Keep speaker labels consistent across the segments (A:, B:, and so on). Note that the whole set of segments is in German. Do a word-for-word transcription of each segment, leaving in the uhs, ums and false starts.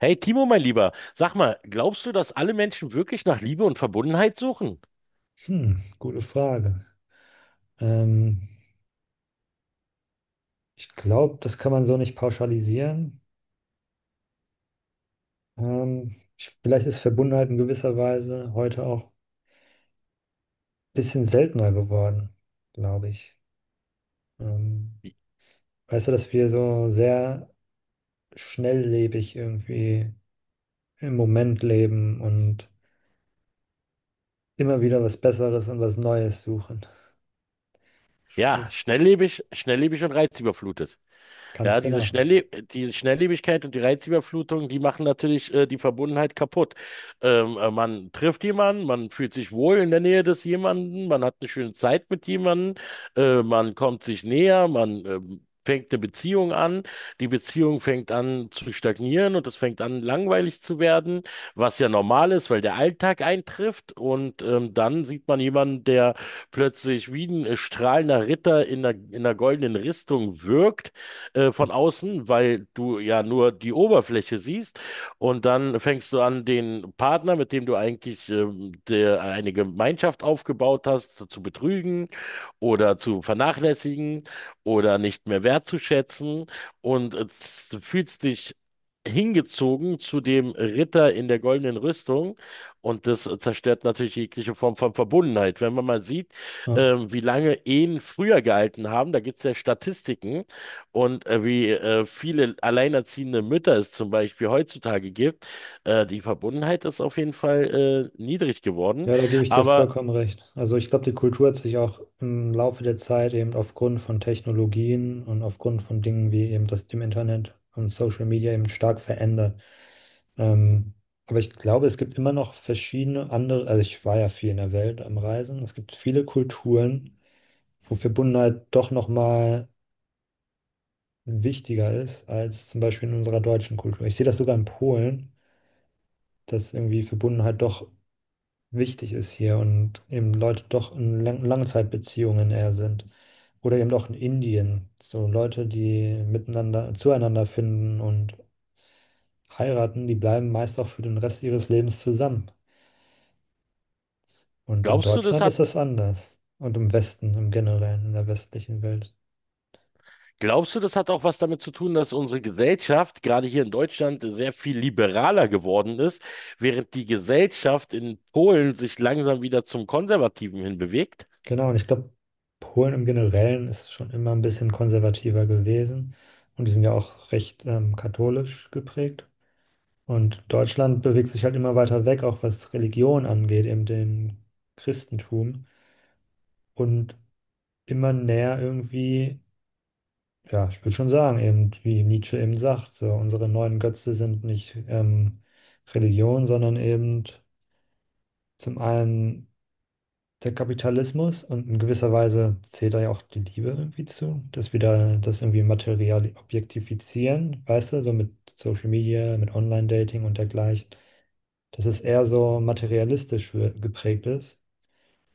A: Hey Timo, mein Lieber, sag mal, glaubst du, dass alle Menschen wirklich nach Liebe und Verbundenheit suchen?
B: Hm, gute Frage. Ähm, ich glaube, das kann man so nicht pauschalisieren. Ähm, ich, vielleicht ist Verbundenheit in gewisser Weise heute auch ein bisschen seltener geworden, glaube ich. Ähm, Weißt du, dass wir so sehr schnelllebig irgendwie im Moment leben und immer wieder was Besseres und was Neues suchen.
A: Ja,
B: Sprich,
A: schnelllebig, schnelllebig und reizüberflutet.
B: ganz
A: Ja, diese
B: genau.
A: Schnellle diese Schnelllebigkeit und die Reizüberflutung, die machen natürlich äh, die Verbundenheit kaputt. Ähm, äh, man trifft jemanden, man fühlt sich wohl in der Nähe des jemanden, man hat eine schöne Zeit mit jemanden, äh, man kommt sich näher, man ähm, fängt eine Beziehung an, die Beziehung fängt an zu stagnieren und es fängt an langweilig zu werden, was ja normal ist, weil der Alltag eintrifft und ähm, dann sieht man jemanden, der plötzlich wie ein äh, strahlender Ritter in einer, in einer goldenen Rüstung wirkt äh, von außen, weil du ja nur die Oberfläche siehst. Und dann fängst du an, den Partner, mit dem du eigentlich ähm, der, eine Gemeinschaft aufgebaut hast, zu betrügen oder zu vernachlässigen oder nicht mehr wertzuschätzen. Und äh, z- fühlst dich hingezogen zu dem Ritter in der goldenen Rüstung. Und das äh, zerstört natürlich jegliche Form von Verbundenheit. Wenn man mal sieht,
B: Ja.
A: ähm, wie lange Ehen früher gehalten haben, da gibt es ja Statistiken, und äh, wie äh, viele alleinerziehende Mütter es zum Beispiel heutzutage gibt, äh, die Verbundenheit ist auf jeden Fall äh, niedrig geworden.
B: Ja, da gebe ich dir
A: Aber
B: vollkommen recht. Also ich glaube, die Kultur hat sich auch im Laufe der Zeit eben aufgrund von Technologien und aufgrund von Dingen wie eben das dem Internet und Social Media eben stark verändert. Ähm, aber ich glaube, es gibt immer noch verschiedene andere, also ich war ja viel in der Welt am Reisen. Es gibt viele Kulturen, wo Verbundenheit doch nochmal wichtiger ist als zum Beispiel in unserer deutschen Kultur. Ich sehe das sogar in Polen, dass irgendwie Verbundenheit doch wichtig ist hier und eben Leute doch in Lang Langzeitbeziehungen eher sind. Oder eben auch in Indien. So Leute, die miteinander, zueinander finden und heiraten, die bleiben meist auch für den Rest ihres Lebens zusammen. Und in
A: glaubst du, das
B: Deutschland
A: hat,
B: ist das anders. Und im Westen, im Generellen, in der westlichen Welt.
A: glaubst du, das hat auch was damit zu tun, dass unsere Gesellschaft gerade hier in Deutschland sehr viel liberaler geworden ist, während die Gesellschaft in Polen sich langsam wieder zum Konservativen hinbewegt?
B: Genau, und ich glaube, Polen im Generellen ist schon immer ein bisschen konservativer gewesen. Und die sind ja auch recht ähm, katholisch geprägt. Und Deutschland bewegt sich halt immer weiter weg, auch was Religion angeht, eben dem Christentum und immer näher irgendwie, ja, ich würde schon sagen, eben wie Nietzsche eben sagt, so unsere neuen Götze sind nicht ähm, Religion, sondern eben zum einen der Kapitalismus und in gewisser Weise zählt da ja auch die Liebe irgendwie zu, dass wir da das irgendwie material objektifizieren, weißt du, so mit Social Media, mit Online-Dating und dergleichen, dass es eher so materialistisch wir- geprägt ist.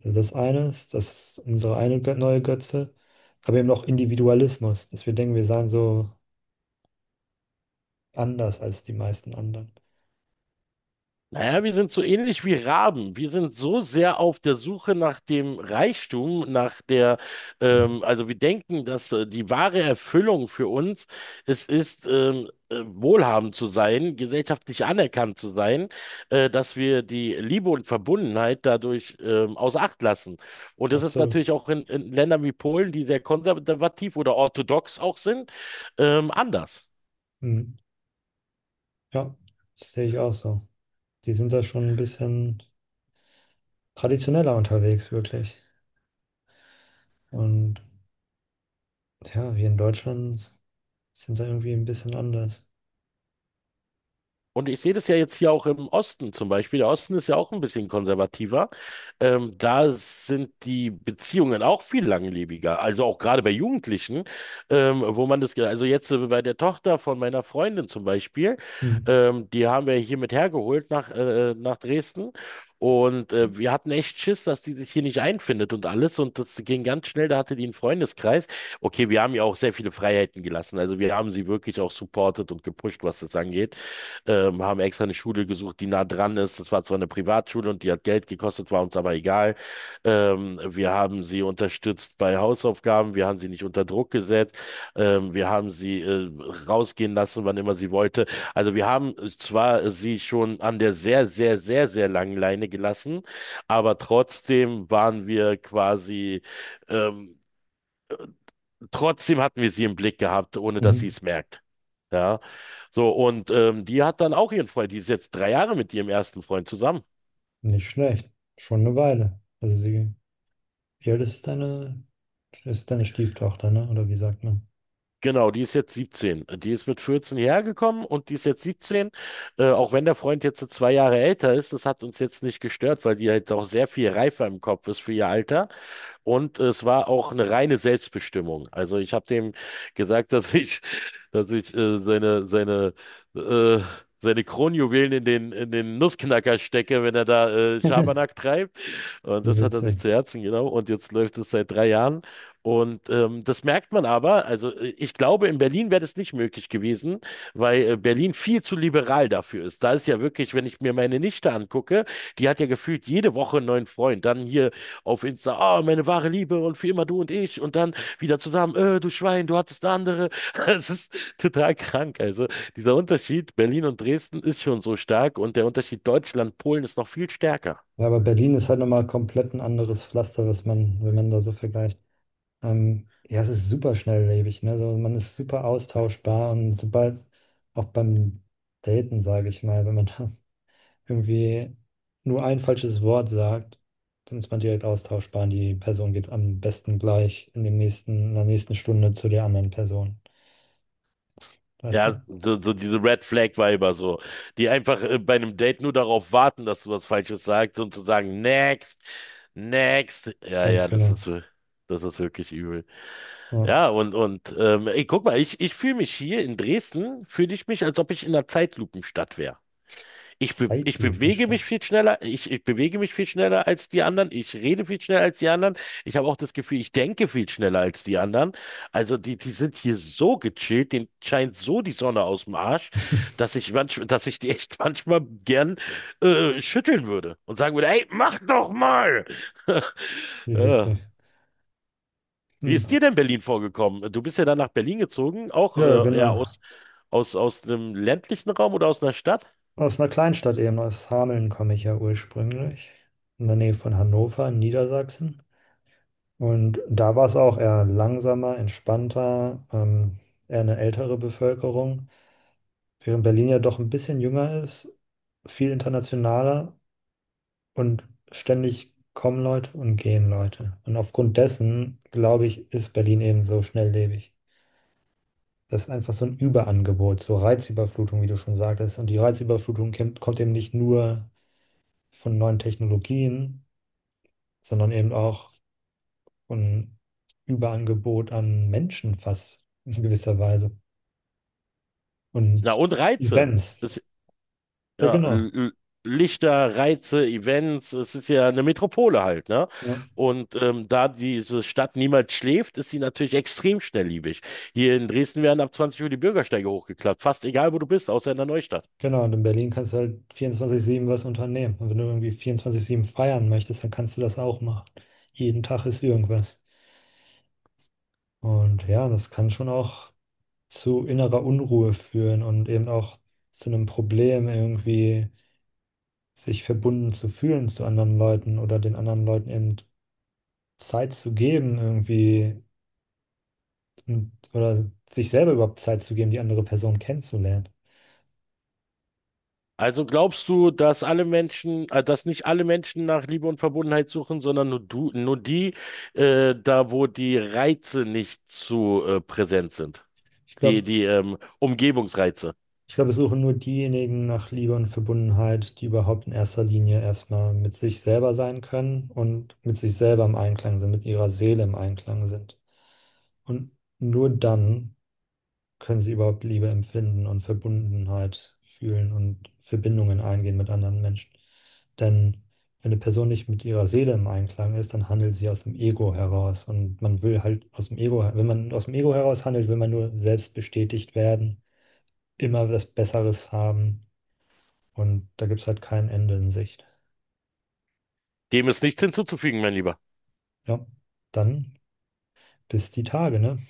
B: Also das eine ist, das ist unsere eine Gö- neue Götze, aber eben auch Individualismus, dass wir denken, wir seien so anders als die meisten anderen.
A: Naja, wir sind so ähnlich wie Raben. Wir sind so sehr auf der Suche nach dem Reichtum, nach der,
B: Mhm.
A: ähm, also wir denken, dass äh, die wahre Erfüllung für uns es ist, ähm, äh, wohlhabend zu sein, gesellschaftlich anerkannt zu sein, äh, dass wir die Liebe und Verbundenheit dadurch ähm, außer Acht lassen. Und das ist
B: Absolut.
A: natürlich auch in, in Ländern wie Polen, die sehr konservativ oder orthodox auch sind, ähm, anders.
B: Mhm. Ja, das sehe ich auch so. Die sind da schon ein bisschen traditioneller unterwegs, wirklich. Und ja, wir in Deutschland sind da irgendwie ein bisschen anders.
A: Und ich sehe das ja jetzt hier auch im Osten zum Beispiel. Der Osten ist ja auch ein bisschen konservativer. Ähm, da sind die Beziehungen auch viel langlebiger. Also auch gerade bei Jugendlichen, ähm, wo man das, ge- also jetzt äh, bei der Tochter von meiner Freundin zum Beispiel,
B: Hm.
A: ähm, die haben wir hier mit hergeholt nach, äh, nach Dresden. Und äh, wir hatten echt Schiss, dass die sich hier nicht einfindet und alles. Und das ging ganz schnell. Da hatte die einen Freundeskreis. Okay, wir haben ihr auch sehr viele Freiheiten gelassen. Also wir haben sie wirklich auch supportet und gepusht, was das angeht ähm, haben extra eine Schule gesucht, die nah dran ist. Das war zwar eine Privatschule und die hat Geld gekostet, war uns aber egal. Ähm, wir haben sie unterstützt bei Hausaufgaben, wir haben sie nicht unter Druck gesetzt, ähm, wir haben sie äh, rausgehen lassen, wann immer sie wollte. Also wir haben zwar sie schon an der sehr, sehr, sehr, sehr langen Leine gelassen, aber trotzdem waren wir quasi ähm, Trotzdem hatten wir sie im Blick gehabt, ohne dass sie
B: Mhm.
A: es merkt. Ja, so und ähm, die hat dann auch ihren Freund. Die ist jetzt drei Jahre mit ihrem ersten Freund zusammen.
B: Nicht schlecht. Schon eine Weile. Also sie, wie alt ist deine, ist deine Stieftochter, ne? Oder wie sagt man?
A: Genau, die ist jetzt siebzehn. Die ist mit vierzehn hierher gekommen und die ist jetzt siebzehn. Äh, auch wenn der Freund jetzt so zwei Jahre älter ist, das hat uns jetzt nicht gestört, weil die halt auch sehr viel reifer im Kopf ist für ihr Alter. Und es war auch eine reine Selbstbestimmung. Also ich habe dem gesagt, dass ich, dass ich äh, seine, seine, äh, seine Kronjuwelen in den, in den Nussknacker stecke, wenn er da äh, Schabernack treibt. Und
B: Wie
A: das hat er
B: witzig.
A: sich zu Herzen genommen. Und jetzt läuft es seit drei Jahren. Und ähm, das merkt man aber. Also äh, ich glaube, in Berlin wäre das nicht möglich gewesen, weil äh, Berlin viel zu liberal dafür ist. Da ist ja wirklich, wenn ich mir meine Nichte angucke, die hat ja gefühlt jede Woche einen neuen Freund. Dann hier auf Insta, ah, meine wahre Liebe und für immer du und ich und dann wieder zusammen, äh, du Schwein, du hattest eine andere. Es ist total krank. Also dieser Unterschied Berlin und Dresden ist schon so stark und der Unterschied Deutschland, Polen ist noch viel stärker.
B: Ja, aber Berlin ist halt nochmal komplett ein anderes Pflaster, was man, wenn man da so vergleicht. Ähm, ja, es ist super schnelllebig, ne? Also man ist super austauschbar und sobald auch beim Daten, sage ich mal, wenn man da irgendwie nur ein falsches Wort sagt, dann ist man direkt austauschbar. Die Person geht am besten gleich in dem nächsten, in der nächsten Stunde zu der anderen Person. Weißt
A: Ja,
B: du?
A: so, so diese Red Flag Weiber so, die einfach äh, bei einem Date nur darauf warten, dass du was Falsches sagst und zu sagen, next, next. Ja,
B: Ganz
A: ja, das
B: genau.
A: ist, wir- das ist wirklich übel.
B: Ja.
A: Ja, und, und ähm, ey, guck mal, ich, ich fühle mich hier in Dresden, fühle ich mich, als ob ich in einer Zeitlupenstadt wäre. Ich, be ich bewege
B: Zeitlupenstadt.
A: mich viel schneller, ich, ich bewege mich viel schneller als die anderen, ich rede viel schneller als die anderen. Ich habe auch das Gefühl, ich denke viel schneller als die anderen. Also die, die sind hier so gechillt, denen scheint so die Sonne aus dem Arsch, dass ich manch, dass ich die echt manchmal gern äh, schütteln würde und sagen würde, ey, mach doch mal!
B: Wie witzig.
A: Ja. Wie ist
B: Hm.
A: dir denn Berlin vorgekommen? Du bist ja dann nach Berlin gezogen, auch
B: Ja,
A: äh, ja
B: genau.
A: aus, aus, aus einem ländlichen Raum oder aus einer Stadt?
B: Aus einer Kleinstadt eben, aus Hameln komme ich ja ursprünglich. In der Nähe von Hannover, in Niedersachsen. Und da war es auch eher langsamer, entspannter, ähm, eher eine ältere Bevölkerung. Während Berlin ja doch ein bisschen jünger ist, viel internationaler und ständig kommen Leute und gehen Leute. Und aufgrund dessen, glaube ich, ist Berlin eben so schnelllebig. Das ist einfach so ein Überangebot, so Reizüberflutung, wie du schon sagtest. Und die Reizüberflutung kommt, kommt eben nicht nur von neuen Technologien, sondern eben auch von Überangebot an Menschen fast in gewisser Weise
A: Na,
B: und
A: und Reize.
B: Events.
A: Es,
B: Ja,
A: ja,
B: genau.
A: L- L- Lichter, Reize, Events, es ist ja eine Metropole halt, ne?
B: Ja.
A: Und ähm, da diese Stadt niemals schläft, ist sie natürlich extrem schnelllebig. Hier in Dresden werden ab zwanzig Uhr die Bürgersteige hochgeklappt, fast egal, wo du bist, außer in der Neustadt.
B: Genau, und in Berlin kannst du halt vierundzwanzig sieben was unternehmen. Und wenn du irgendwie vierundzwanzig sieben feiern möchtest, dann kannst du das auch machen. Jeden Tag ist irgendwas. Und ja, das kann schon auch zu innerer Unruhe führen und eben auch zu einem Problem, irgendwie sich verbunden zu fühlen zu anderen Leuten oder den anderen Leuten eben Zeit zu geben, irgendwie und, oder sich selber überhaupt Zeit zu geben, die andere Person kennenzulernen.
A: Also glaubst du, dass alle Menschen, äh, dass nicht alle Menschen nach Liebe und Verbundenheit suchen, sondern nur du, nur die, äh, da wo die Reize nicht zu äh, präsent sind,
B: Ich
A: die
B: glaube,
A: die ähm, Umgebungsreize.
B: Ich glaube, es suchen nur diejenigen nach Liebe und Verbundenheit, die überhaupt in erster Linie erstmal mit sich selber sein können und mit sich selber im Einklang sind, mit ihrer Seele im Einklang sind. Und nur dann können sie überhaupt Liebe empfinden und Verbundenheit fühlen und Verbindungen eingehen mit anderen Menschen. Denn wenn eine Person nicht mit ihrer Seele im Einklang ist, dann handelt sie aus dem Ego heraus. Und man will halt aus dem Ego, wenn man aus dem Ego heraus handelt, will man nur selbst bestätigt werden, immer was Besseres haben und da gibt es halt kein Ende in Sicht.
A: Dem ist nichts hinzuzufügen, mein Lieber.
B: Ja, dann bis die Tage, ne?